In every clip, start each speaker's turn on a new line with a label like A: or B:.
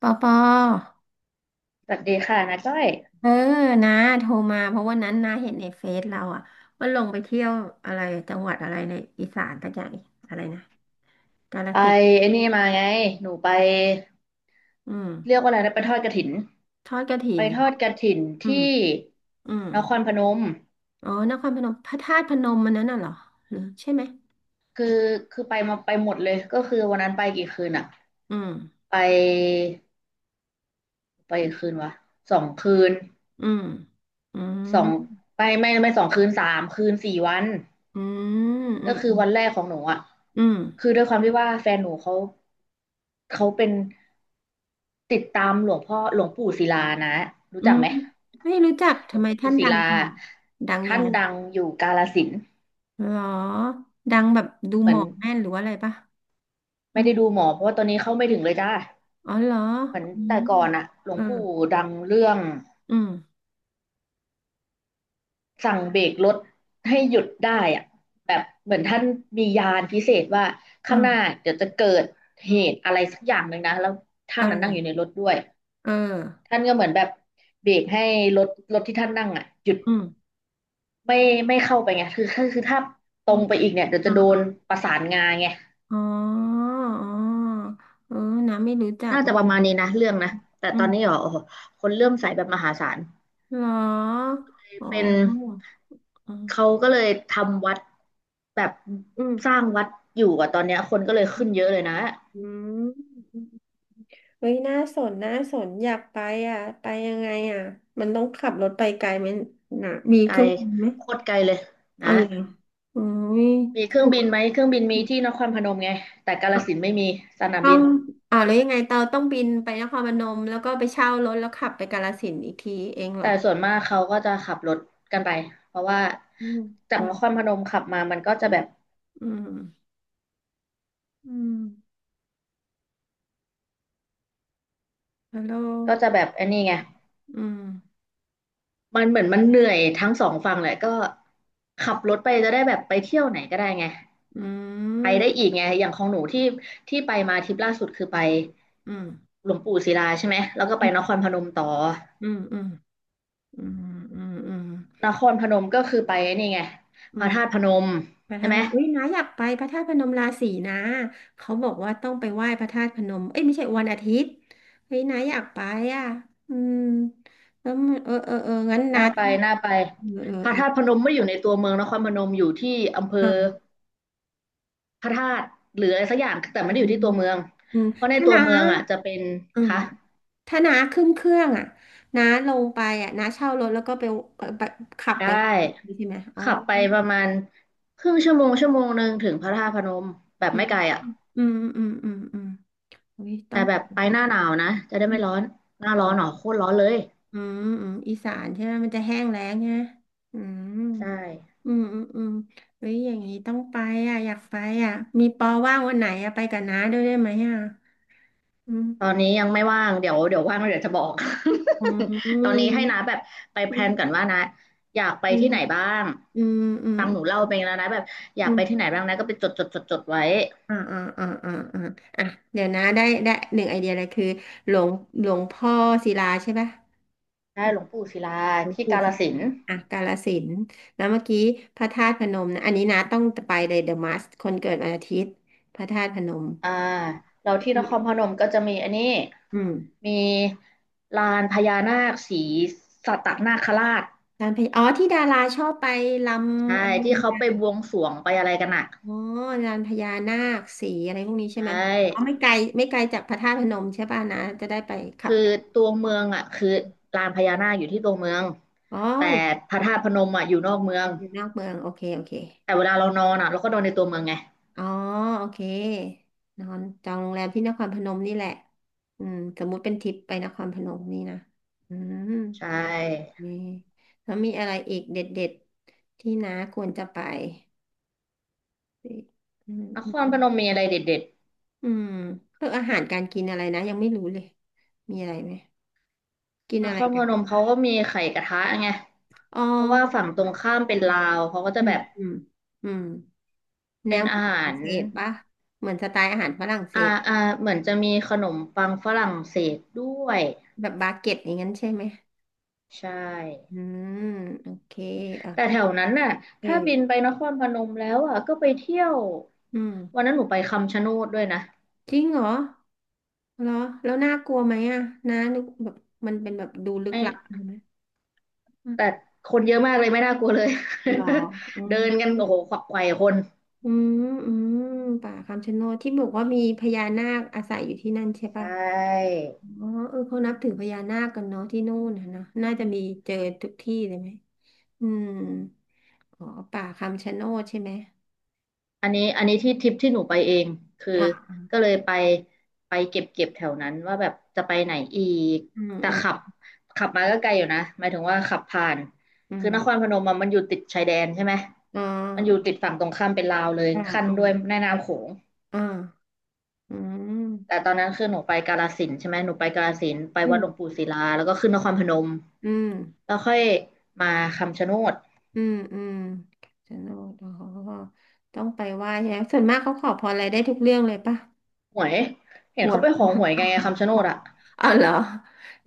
A: ปอปอ
B: สวัสดีค่ะนาก้อย
A: เออนะโทรมาเพราะวันนั้นนาเห็นในเฟซเราอ่ะว่าลงไปเที่ยวอะไรจังหวัดอะไรในอีสานตักอย่างอะไรนะกาฬ
B: ไป
A: สินธุ์
B: ไอ้นี่มาไงหนูไป
A: อืม
B: เรียกว่าอะไรนะไปทอดกฐิน
A: ทอดกฐิ
B: ไป
A: น
B: ท
A: เหร
B: อ
A: อ
B: ดกฐิน
A: อืม
B: ที่
A: อืม
B: นครพนม
A: อ๋อนครพนมพระธาตุพนมมันนั้นน่ะเหรอหรือใช่ไหม
B: คือคือไปมาไปหมดเลยก็คือวันนั้นไปกี่คืนอะ
A: อืม
B: ไปไปกี่คืนวะสองคืน
A: อืมอืม
B: สองไปไม่สองคืนสามคืนสี่วัน
A: อืมอื
B: ก็
A: ม
B: คือวันแรกของหนูอะ
A: อืม
B: คือด้วยความที่ว่าแฟนหนูเขาเขาเป็นติดตามหลวงพ่อหลวงปู่ศิลานะรู้
A: อื
B: จัก
A: ม
B: ไหม
A: ไม่รู้จัก
B: หล
A: ทำ
B: วง
A: ไม
B: ปู่
A: ท่าน
B: ศิ
A: ดัง
B: ลา
A: จังดังยั
B: ท่า
A: ง
B: น
A: ไง
B: ดังอยู่กาฬสินธุ์
A: เหรอดังแบบดู
B: เห
A: ห
B: มื
A: ม
B: อน
A: อกแม่นหรือว่าอะไรปะ
B: ไม่ได้ดูหมอเพราะว่าตอนนี้เข้าไม่ถึงเลยจ้า
A: อ๋อเหรอ
B: เหมือน
A: อืม
B: แต่ก่อนอะหลว
A: เอ
B: ง
A: อ
B: ปู่ดังเรื่อง
A: อืม
B: สั่งเบรกรถให้หยุดได้อะแบบเหมือนท่านมียานพิเศษว่า
A: อื
B: ข้างหน้า
A: ม
B: เดี๋ยวจะเกิดเหตุอะไรสักอย่างหนึ่งนะแล้วท่านนั้นนั่งอ
A: เออ
B: ยู่ในรถด้วย
A: เออ
B: ท่านก็เหมือนแบบเบรกให้รถรถที่ท่านนั่งอะหยุด
A: อืม
B: ไม่ไม่เข้าไปไงคือถ้าต
A: อื
B: รง
A: ม
B: ไปอีกเนี่ยเดี๋ยวจะโดน
A: อ่า
B: ประสานงาไง
A: อ๋ออ๋อเออน้ำไม่รู้จัก
B: น่า
A: เล
B: จะประ
A: ย
B: มาณนี้นะเรื่องนะแต่
A: อื
B: ตอ
A: ม
B: นนี้เหรอโอ้โหคนเริ่อมใส่แบบมหาศาล
A: เหรออ๋อ
B: เป็น
A: อ๋
B: เขา
A: อ
B: ก็เลยทำวัดแบบ
A: อืม
B: สร้างวัดอยู่อะตอนเนี้ยคนก็เลยขึ้นเยอะเลยนะ
A: อืมเฮ้ยน่าสนน่าสนอยากไปอ่ะไปยังไงอ่ะมันต้องขับรถไปไกลไหมนะมี
B: ไก
A: เค
B: ล
A: รื่องบินไหม
B: โคตรไกลเลยนะ
A: อะไรออุ้ย
B: มีเครื่องบินไหมเครื่องบินมีที่นครพนมไงแต่กาฬสินธุ์ไม่มีสนาม
A: ต้อ
B: บิ
A: ง
B: น
A: อ่าวแล้วยังไงเตาต้องบินไปนครพนมแล้วก็ไปเช่ารถแล้วขับไปกาฬสินธุ์อีกทีเองเหร
B: แต่
A: อ
B: ส่วนมากเขาก็จะขับรถกันไปเพราะว่า
A: อืม
B: จา
A: อื
B: ก
A: ม
B: นครพนมขับมามันก็จะแบบ
A: อืมอืมฮัลโหล
B: ก็จะแบบไอันนี้ไง
A: อืม
B: มันเหมือนมันเหนื่อยทั้งสองฝั่งแหละก็ขับรถไปจะได้แบบไปเที่ยวไหนก็ได้ไง
A: อื
B: ไปได้
A: ม
B: อีกไงอย่างของหนูที่ไปมาทริปล่าสุดคือไป
A: อืม
B: หลวงปู่ศิลาใช่ไหมแล้วก็ไป
A: อื
B: นค
A: ม
B: รพนมต่อ
A: อืมอืมอืมอืมอืม
B: นครพนมก็คือไปนี่ไง
A: อื
B: พระ
A: ม
B: ธาตุพนม
A: พระ
B: ใช่
A: ธาตุ
B: ไหม
A: พนมอุ้ยน้าอยากไปพระธาตุพนมราศีนะเขาบอกว่าต้องไปไหว้พระธาตุพนมเอ้ยไม่ใช่วันอาทิตย์เฮ้ยน้าอยากไปอ่ะอืมแล้วมันเอองั้นน้า
B: น่าไป
A: ต้อง
B: น่าไป
A: เออเออ
B: พระ
A: เออ
B: ธาตุพนมไม่ได้อยู่ในตัวเมืองนครพนมอยู่ที่อำเภอ
A: อ่า
B: พระธาตุหรืออะไรสักอย่างแต่ไม่
A: อื
B: ได้อยู่
A: ม
B: ที่ตัวเมือง
A: อืม
B: เพราะใน
A: ถ้า
B: ตัว
A: น้า
B: เมืองอ่ะจะเป็น
A: อืม
B: คะ
A: ถ้าน้าขึ้นเครื่องอ่ะน้าลงไปอ่ะน้าเช่ารถแล้วก็ไปไปขับ
B: ได
A: ไป
B: ้
A: ใช่ไหมอ๋อ
B: ขับไปประมาณครึ่งชั่วโมงชั่วโมงหนึ่งถึงพระธาตุพนมแบบ
A: อื
B: ไม่
A: ม
B: ไกลอ่ะ
A: อืมอืมอืมอืมอุ้ยต้อ
B: แต่
A: ง
B: แบบไปหน้าหนาวนะจะได้
A: อ
B: ไม่
A: ม
B: ร้อนหน้าร้อ
A: อ๋อ
B: นหรอโคตรร้อนเลย
A: อืมอืมอีสานใช่ไหม มันจะแห้งแล้งใช่ไหมอืม
B: ใช่
A: อืมอืมอืมเฮ้ยอย่างนี้ต้องไปอ่ะอยากไปอ่ะมีปอว่างวันไหนอ่ะไปกับน้าด้วยได้ไหมอ่ะอืม
B: ตอนนี้ยังไม่ว่างเดี๋ยวเดี๋ยวว่างแล้วเดี๋ยวจะบอก
A: อื
B: ตอนนี้
A: ม
B: ให้นะแบบไปแพ
A: อื
B: ลนก่อน
A: ม
B: ว่านะอยากไป
A: อื
B: ที่
A: ม
B: ไหนบ้าง
A: อืมอืม
B: ฟังหนูเล่าไปแล้วนะแบบอยา
A: อื
B: กไป
A: ม
B: ที่ไหนบ้างนะก็ไปจดจดจดจดไว้
A: อ่าอ่าอ่าอ่าอ่าอ่ะเดี๋ยวนะได้ได้หนึ่งไอเดียเลยคือหลวงหลวงพ่อศิลาใช่ปะ
B: ได้หลวงปู่ศิลา
A: หลวง
B: ที่
A: ปู่
B: กาฬ
A: ศิ
B: สิ
A: ลา
B: นธุ์
A: อ่ะกาฬสินธุ์แล้วเมื่อกี้พระธาตุพนมนะอันนี้นะต้องไปเลยเดอะมัสคนเกิดวันอาทิตย์พระธาตุพนม
B: อ่าเรา
A: แล้ว
B: ที่น
A: มี
B: ครพนมก็จะมีอันนี้
A: อืม
B: มีลานพญานาคสีสัตนาคราช
A: ลานพญาอ๋อที่ดาราชอบไปล
B: ใช่
A: ำอะไร
B: ที่เขาไปบวงสรวงไปอะไรกันอ่ะ
A: อ๋อลานพญานาคสีอะไรพวกนี้ใช่ไหม
B: ใช่
A: อ๋อไม่ไกลไม่ไกลจากพระธาตุพนมใช่ป่ะนะจะได้ไปขั
B: คื
A: บ
B: อตัวเมืองอ่ะคือลานพญานาคอยู่ที่ตัวเมือง
A: อ๋อ
B: แต่พระธาตุพนมอ่ะอยู่นอกเมือง
A: อยู่นอกเมืองโอเคโอเค
B: แต่เวลาเรานอนอ่ะเราก็นอนในตัวเมืองไง
A: อ๋อโอเคนอนจองโรงแรมที่นครพนมนี่แหละอืมสมมุติเป็นทริปไปนครพนมนี่นะอืม
B: ใช่
A: นีแล้วมีอะไรอีกเด็ดๆที่น้าควรจะไปอืม
B: น
A: อื
B: ครพ
A: ม
B: นมมีอะไรเด็ด
A: อืมเรื่องอาหารการกินอะไรนะยังไม่รู้เลยมีอะไรไหมกิน
B: ๆน
A: อะ
B: ค
A: ไร
B: ร
A: กั
B: พน
A: น
B: มเขาก็มีไข่กระทะไง
A: อ๋อ
B: เพราะว่าฝั่งตรงข้ามเป็นลาวเขาก็จะ
A: อื
B: แบ
A: ม
B: บ
A: อืมอืมแน
B: เป็
A: ว
B: น
A: ม
B: อา
A: นฝ
B: หา
A: รั่ง
B: ร
A: เศสปะเหมือนสไตล์อาหารฝรั่งเศ
B: อ่า
A: ส
B: อ่าเหมือนจะมีขนมปังฝรั่งเศสด้วย
A: แบบบาเก็ตอย่างนั้นใช่ไหม
B: ใช่
A: อืมโอเคอ่ะ
B: แต่แถวนั้นน่ะ
A: เอ
B: ถ้าบิน
A: อ
B: ไปนครพนมแล้วอ่ะก็ไปเที่ยว
A: อืม
B: วันนั้นหนูไปคำชะโนดด้วยนะ
A: จริงเหรอเหรอแล้วน่ากลัวไหมอ่ะน้านึกแบบมันเป็นแบบดูลึ
B: ไอ
A: กลับ
B: ้
A: ใช่ไหมอืม
B: แต่คนเยอะมากเลยไม่น่ากลัวเลย
A: เหรออื ม
B: เดินกันโอ้โหขวักไขว่คน
A: อืมอืมป่าคำชะโนดที่บอกว่ามีพญานาคอาศัยอยู่ที่นั่นใช่
B: ใช
A: ป่ะ
B: ่
A: อ๋อเออเขานับถือพญานาคกันเนาะที่นู่นนะเนอะน่าจะมีเจอทุกที่เลยไหมอืมอ๋อป่าคำชะโนดใช่ไหม
B: อันนี้ที่ทริปที่หนูไปเองคือ
A: อ่า
B: ก็เลยไปไปเก็บเก็บแถวนั้นว่าแบบจะไปไหนอีก
A: อืม
B: แต่
A: อืม
B: ขับมาก็ไกลอยู่นะหมายถึงว่าขับผ่าน
A: อื
B: คื
A: ม
B: อนครพนมอะมันอยู่ติดชายแดนใช่ไหม
A: อ่
B: มันอยู่
A: า
B: ติดฝั่งตรงข้ามเป็นลาวเลย
A: อ่า
B: ขั้น
A: อ่า
B: ด้วยแม่น้ำโขง
A: อ่า อืม
B: แต่ตอนนั้นคือหนูไปกาฬสินธุ์ใช่ไหมหนูไปกาฬสินธุ์ไป
A: อื
B: วัด
A: ม
B: หลวงปู่ศิลาแล้วก็ขึ้นนครพนม
A: อืม
B: แล้วค่อยมาคำชะโนด
A: อืมอืมสนุกอ๋อต้องไปไหว้ใช่ไหมส่วนมากเขาขอพรอะไรได้ทุกเรื่องเลยปะ
B: หวยเห็น
A: หัว
B: เขาไปขอ
A: ย
B: หวยกไงคำชะโนด อะ
A: อ๋อเหรอ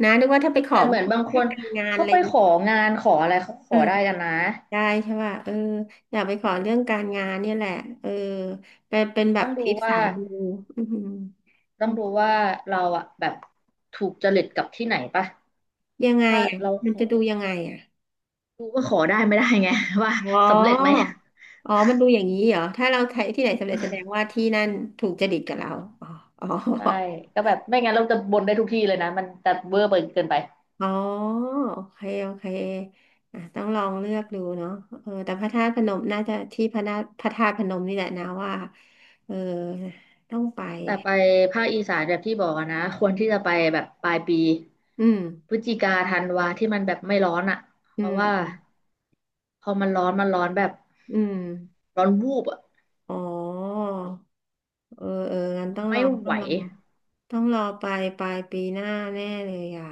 A: นะนึกว่าถ้าไปข
B: แต่
A: อ
B: เหมือนบางค
A: ให้
B: น
A: การงาน
B: เขา
A: อะไร
B: ไป
A: อย่าง
B: ข
A: เงี้ย
B: องานขออะไรเขาข
A: เออ
B: อได้กันนะ
A: ได้ใช่ป่ะเอออยากไปขอเรื่องการงานเนี่ยแหละเออเป็นเป็นแบ
B: ต้
A: บ
B: อง
A: ท
B: ดู
A: ริป
B: ว่า
A: สายมูอืม
B: ต้องดูว่าเราอะแบบถูกจริตกับที่ไหนปะ
A: ยังไง
B: ถ้า
A: อ่ะ
B: เรา
A: มั
B: ข
A: นจะ
B: อ
A: ดู
B: ได้
A: ยังไงอ่ะ
B: ดูว่าขอได้ไม่ได้ไง ว่า
A: อ๋
B: สำเร็จไหม
A: อ อ๋อมันดูอย่างนี้เหรอ ถ้าเราใช้ที่ไหนสำเร็จแสดงว่าที่นั่นถูกจริตกับเราอ๋ออ๋อ
B: ใช่ก็แบบไม่งั้นเราจะบ่นได้ทุกที่เลยนะมันจะเวอร์ไปเกินไป
A: อ๋อโอเคโอเคอ่ะต้องลองเลือกดูเนาะเออแต่พระธาตุพนมน่าจะที่พระนาพระธาตุพนมนี่แหละนะว่าเออต้องไป
B: แต่ไปภาคอีสานแบบที่บอกอะนะควรที่จะไปแบบปลายปี
A: อืม
B: พฤศจิกาธันวาที่มันแบบไม่ร้อนอะ
A: อื
B: เพราะว่า
A: ม
B: พอมันร้อนมันร้อนแบบ
A: อืม
B: ร้อนวูบอะ
A: อ๋อเออเอองั้นต้องร
B: ไม่
A: อ
B: ไหว
A: ต้องรอไปปลายปีหน้าแน่เลยอ่ะ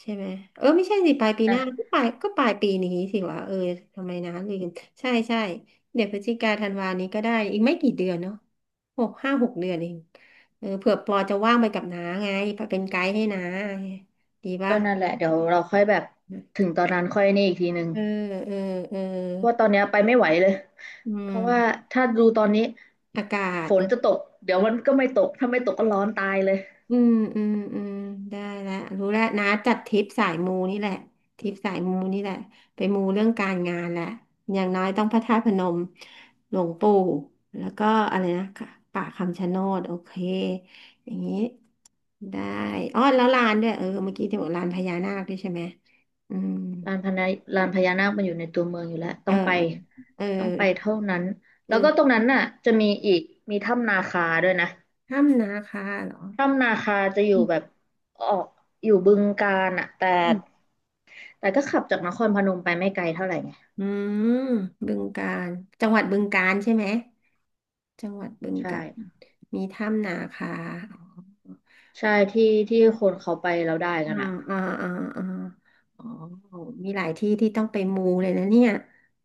A: ใช่ไหมเออไม่ใช่สิปลายปีห
B: อ่ะ
A: น้าก็ปลายก็ปลายปีนี้สิวะเออทำไมนะลืมใช่ใช่เดี๋ยวพฤศจิกาธันวานี้ก็ได้อีกไม่กี่เดือนเนาะหกห้าหกเดือนเองเออเผื่อปอจะว่างไปกับน้าไงเป็นไกด์ให้น้าไงดีปะ
B: ก็นั่นแหละเดี๋ยวเราค่อยแบบถึงตอนนั้นค่อยนี่อีกทีหนึ่ง
A: เออเออเออ
B: เพราะว่าตอนเนี้ยไปไม่ไหวเลย
A: อื
B: เพราะว่า
A: ม
B: ถ้าดูตอนนี้
A: อากาศ
B: ฝนจะตกเดี๋ยวมันก็ไม่ตกถ้าไม่ตกก็ร้อนตายเลย
A: อืมอืมอืมได้แล้วรู้แล้วนะจัดทริปสายมูนี่แหละทริปสายมูนี่แหละไปมูเรื่องการงานแหละอย่างน้อยต้องพระธาตุพนมหลวงปู่แล้วก็อะไรนะค่ะป่าคำชะโนดโอเคอย่างนี้ได้อ๋อแล้วลานด้วยเออเมื่อกี้ที่บอกลานพญานาคด้วยใช่ไหมอืม
B: ลานพญาลานพญานาคมันอยู่ในตัวเมืองอยู่แล้ว
A: เอ
B: ต้อ
A: อ
B: งไป
A: เออเออ
B: เท่านั้น
A: อื
B: แล้วก็ต
A: ม
B: รงนั้นน่ะจะมีอีกมีถ้ำนาคาด้วยนะ
A: ถ้ำนาคาเหรอ
B: ถ้ำนาคาจะอยู่
A: อื
B: แบบออกอยู่บึงกาฬอ่ะแต่
A: ม
B: แต่ก็ขับจากนครพนมไปไม่ไกลเท่าไหร่ไง
A: อืมบึงกาฬจังหวัดบึงกาฬใช่ไหม จังหวัดบึง
B: ใช่
A: กาฬมีถ้ำนาคาอ๋อ
B: ใช่ที่ที่คนเขาไปแล้วได้กั
A: อ่า
B: นอ่ะ
A: อ่าอ่าอ๋ออ๋อมีหลายที่ที่ต้องไปมูเลยนะเนี่ย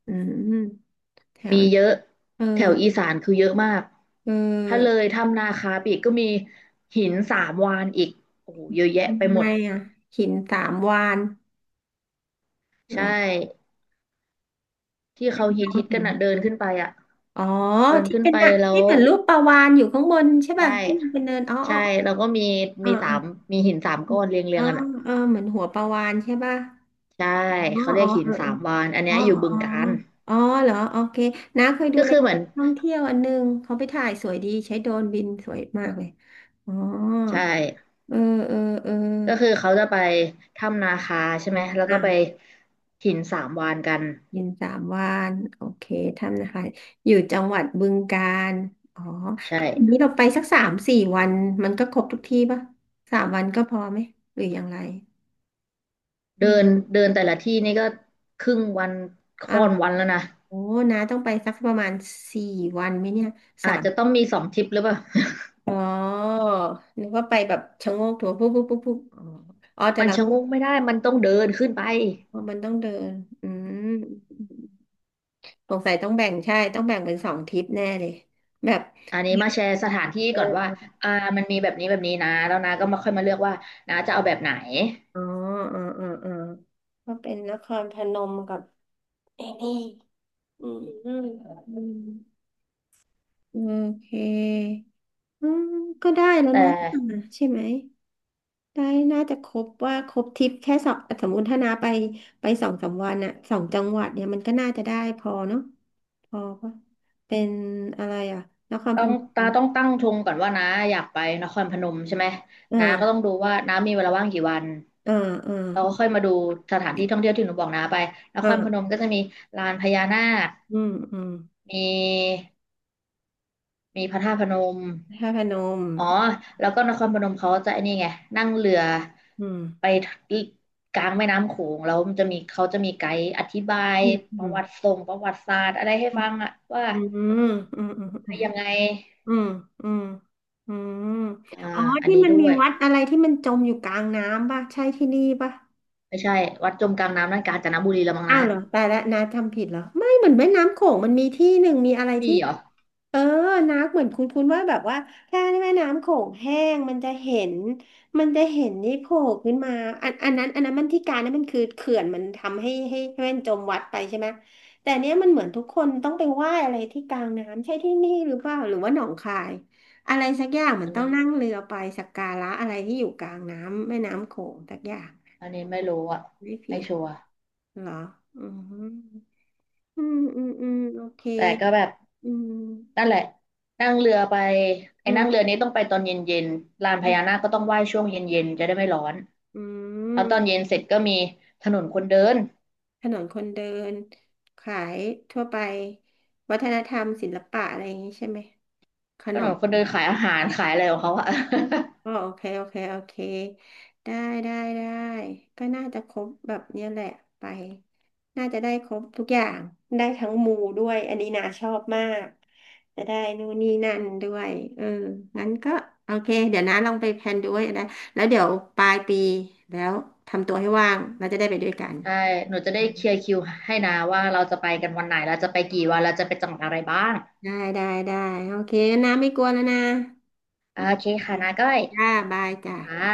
A: อืมแถ
B: มี
A: ว
B: เยอะ
A: เออ
B: แถวอีสานคือเยอะมาก
A: เ
B: ถ้าเล
A: ออ
B: ยถ้ำนาคาไปอีกก็มีหินสามวานอีกโอ้โหเยอะแยะไป
A: ทำ
B: ห
A: ไง
B: มด
A: อ่ะหินสามวานเหร
B: ใช่
A: อ
B: ที่เขาฮิต
A: ข้า
B: ฮิ
A: ม
B: ตกั
A: หิ
B: น
A: น
B: อ่ะเดินขึ้นไปอ่ะ
A: อ๋อ
B: เดิน
A: ที่
B: ขึ้น
A: เป็น
B: ไป
A: น่ะ
B: แล้
A: ที่
B: ว
A: เหมือนรูปปลาวาฬอยู่ข้างบนใช่
B: ใช่
A: ป่ะที่มันเป็นเนินอ๋ออ
B: ใช่แล้วก็มี
A: ๋อ
B: มีสา
A: อ๋
B: ม
A: อ
B: มีหินสามก้อนเรียงเรี
A: อ๋
B: ยง
A: อ
B: กัน
A: อ๋อ
B: อ่ะ
A: เออเหมือนหัวปลาวาฬใช่ป่ะ
B: ใช่
A: อ๋อ
B: เขาเรี
A: อ๋
B: ย
A: อ
B: กหิ
A: เอ
B: น
A: อ
B: สามวานอัน
A: เออ
B: เนี้ยอยู่บึ
A: อ๋ออ๋
B: ง
A: อ
B: กาฬ
A: อ๋อเหรอโอเคน้าเคยดู
B: ก็
A: รา
B: คื
A: ย
B: อเห
A: กา
B: มือน
A: รท่องเที่ยวอันหนึงเขาไปถ่ายสวยดีใช้โดรนบินสวยมากเลยอ๋อ
B: ใช่
A: เออเออเออ
B: ก็คือเขาจะไปถ้ำนาคาใช่ไหมแล้วก็ไป
A: อ่ะ
B: หินสามวานกัน
A: ยินสามวันโอเคทำนะคะอยู่จังหวัดบึงกาฬอ๋อ
B: ใช่
A: ทีนี้เราไปสักสามสี่วันมันก็ครบทุกที่ปะสามวันก็พอไหม หรืออย่างไรอื
B: เดิน
A: ม
B: เดินแต่ละที่นี่ก็ครึ่งวัน
A: อ้า
B: ค่อ
A: ว
B: นวันแล้วนะ
A: โอ้น้าต้องไปสักประมาณสี่วันไหมเนี่ย
B: อาจจะต้องมีสองทริปหรือเปล่า
A: อ๋อนึกว่าไปแบบชะโงกดูปุ๊บปุ๊บปุ๊บปุ๊บอ๋ออ๋อแต่
B: มัน
A: เรา
B: ชะ
A: ต้อ
B: ง
A: ง
B: กไม่ได้มันต้องเดินขึ้นไป
A: มันต้องเดิน อืมสงสัยต้องแบ่งใช่ ต้องแบ่งเป็นสองทริปแน่เลยแบบ
B: อันนี้มาแชร์สถานที่
A: เออ
B: ก่อนว่าอ่ามันมีแบบนี้นะแล้วนะก็มาค่อยมาเลือกว่านะจะเอาแบบไหน
A: อ๋ออ๋อ อ๋อ อ๋อ ก็เป็นนครพนมกับไอ้นี่อืม อืม อืมโอเคอืมก็ได้แล้ว
B: แต
A: นะ
B: ่
A: ใช่ไหม ได้น่าจะครบว่าครบทริปแค่สองสมมติถ้านาไปไปสองสามวันอะสองจังหวัดเนี่ยมันก็น่าจะได้พอเนาะพอปะเป็นอะไรอะนครพ
B: ต้อง
A: นม
B: ตาต้องตั้งธงก่อนว่าน้าอยากไปนครพนมใช่ไหมน้าก็ต้
A: อ่า
B: องดูว่าน้ามีเวลาว่างกี่วัน
A: อ่าอ่า
B: เราก็ค่อยมาดูสถานที่ท่องเที่ยวที่หนูบอกน้าไปนครพนม
A: อ่า
B: ก็จะมีลานพญานาค
A: อืมอืม
B: มีมีพระธาตุพนม
A: นคระพนม
B: อ๋อแล้วก็นครพนมเขาจะไอ้นี่ไงนั่งเรือ
A: อืม
B: ไปกลางแม่น้ำโขงแล้วมันจะมีเขาจะมีไกด์อธิบาย
A: อืมอืม
B: ประวัติศาสตร์อะไรให้ฟังอะว่า
A: อืมอืมอื
B: ยัง
A: ม
B: ไง
A: อืมอืมอืม
B: อ่า
A: อ๋อ
B: อัน
A: ที่
B: นี้
A: มัน
B: ด้
A: มี
B: วย
A: วัดอะไรที่มันจมอยู่กลางน้ำป่ะใช่ที่นี่ป่ะ
B: ไม่ใช่ วัดจมกลางน้ำนั่นกาญจนบุรีละมั้ง
A: อ้า
B: นะ
A: วเหรอแตายแล้วนาทำผิดเหรอไม่เหมือนแม่น้ำโขงมันมีที่หนึ่งมีอะไร
B: มี
A: ที่
B: เหรอ
A: เออนาเหมือนคุ้นๆว่าแบบว่าถ้าแม่น้ำโขงแห้งมันจะเห็นมันจะเห็นนี่โผล่ขึ้นมาอันอันนั้นอันนั้นมันที่การนั้นมันคือเขื่อนมันทำให้แม่นจมวัดไปใช่ไหมแต่เนี้ยมันเหมือนทุกคนต้องไปไหว้อะไรที่กลางน้ำใช่ที่นี่หรือเปล่าหรือว่าหนองคายอะไรสักอย่างเหมือ
B: อั
A: น
B: น
A: ต้อง
B: นี้
A: นั่งเรือไปสักการะอะไรที่อยู่กลางน้ำแม่น้ำโขงสักอย่าง
B: อันนี้ไม่รู้อ่ะ
A: ไม่ผิ
B: ไม่
A: ด
B: ชัวร์
A: เหรออืม อืมอืมอืมโอเค
B: แต่ก็แบบ
A: อื
B: นั่น
A: ม
B: แหละนั่งเรือไปไอ้
A: อื
B: นั่งเรือ
A: ม
B: นี้ต้องไปตอนเย็นๆลานพญานาคก็ต้องไหว้ช่วงเย็นๆจะได้ไม่ร้อน
A: อื
B: แล้วตอนเย็
A: ม
B: นเสร็จก็มีถนนคนเดิน
A: ถนนคนเดิน ขายทั่วไป วัฒนธรรมศิลปะอะไรอย่างนี้ใช่ไหม ข
B: ถ
A: น
B: น
A: ม
B: นคนเดินขายอาหารขายอะไรของเขาอะ
A: ก็โอเคโอเคโอเคได้ได้ได้ก็น่าจะครบแบบเนี้ยแหละไปน่าจะได้ครบทุกอย่างได้ทั้งมูด้วยอันนี้นาชอบมากจะได้นู่นนี่นั่นด้วยเอองั้นก็โอเคเดี๋ยวนะลองไปแพลนดูไว้นะแล้วเดี๋ยวปลายปีแล้วทำตัวให้ว่างเราจะได้ไปด้วยกัน
B: ใช่หนูจะได้เคลียร์คิวให้นะว่าเราจะไปกันวันไหนเราจะไปกี่วันเราจะไปจังหวัดอะไรบ้าง
A: ได้ได้ได้โอเคนะไม่กลัวแล้วนะ
B: โอ
A: โอ
B: เค
A: เค
B: ค่ะนาก้อย
A: จ้าบายจ้า
B: อ่า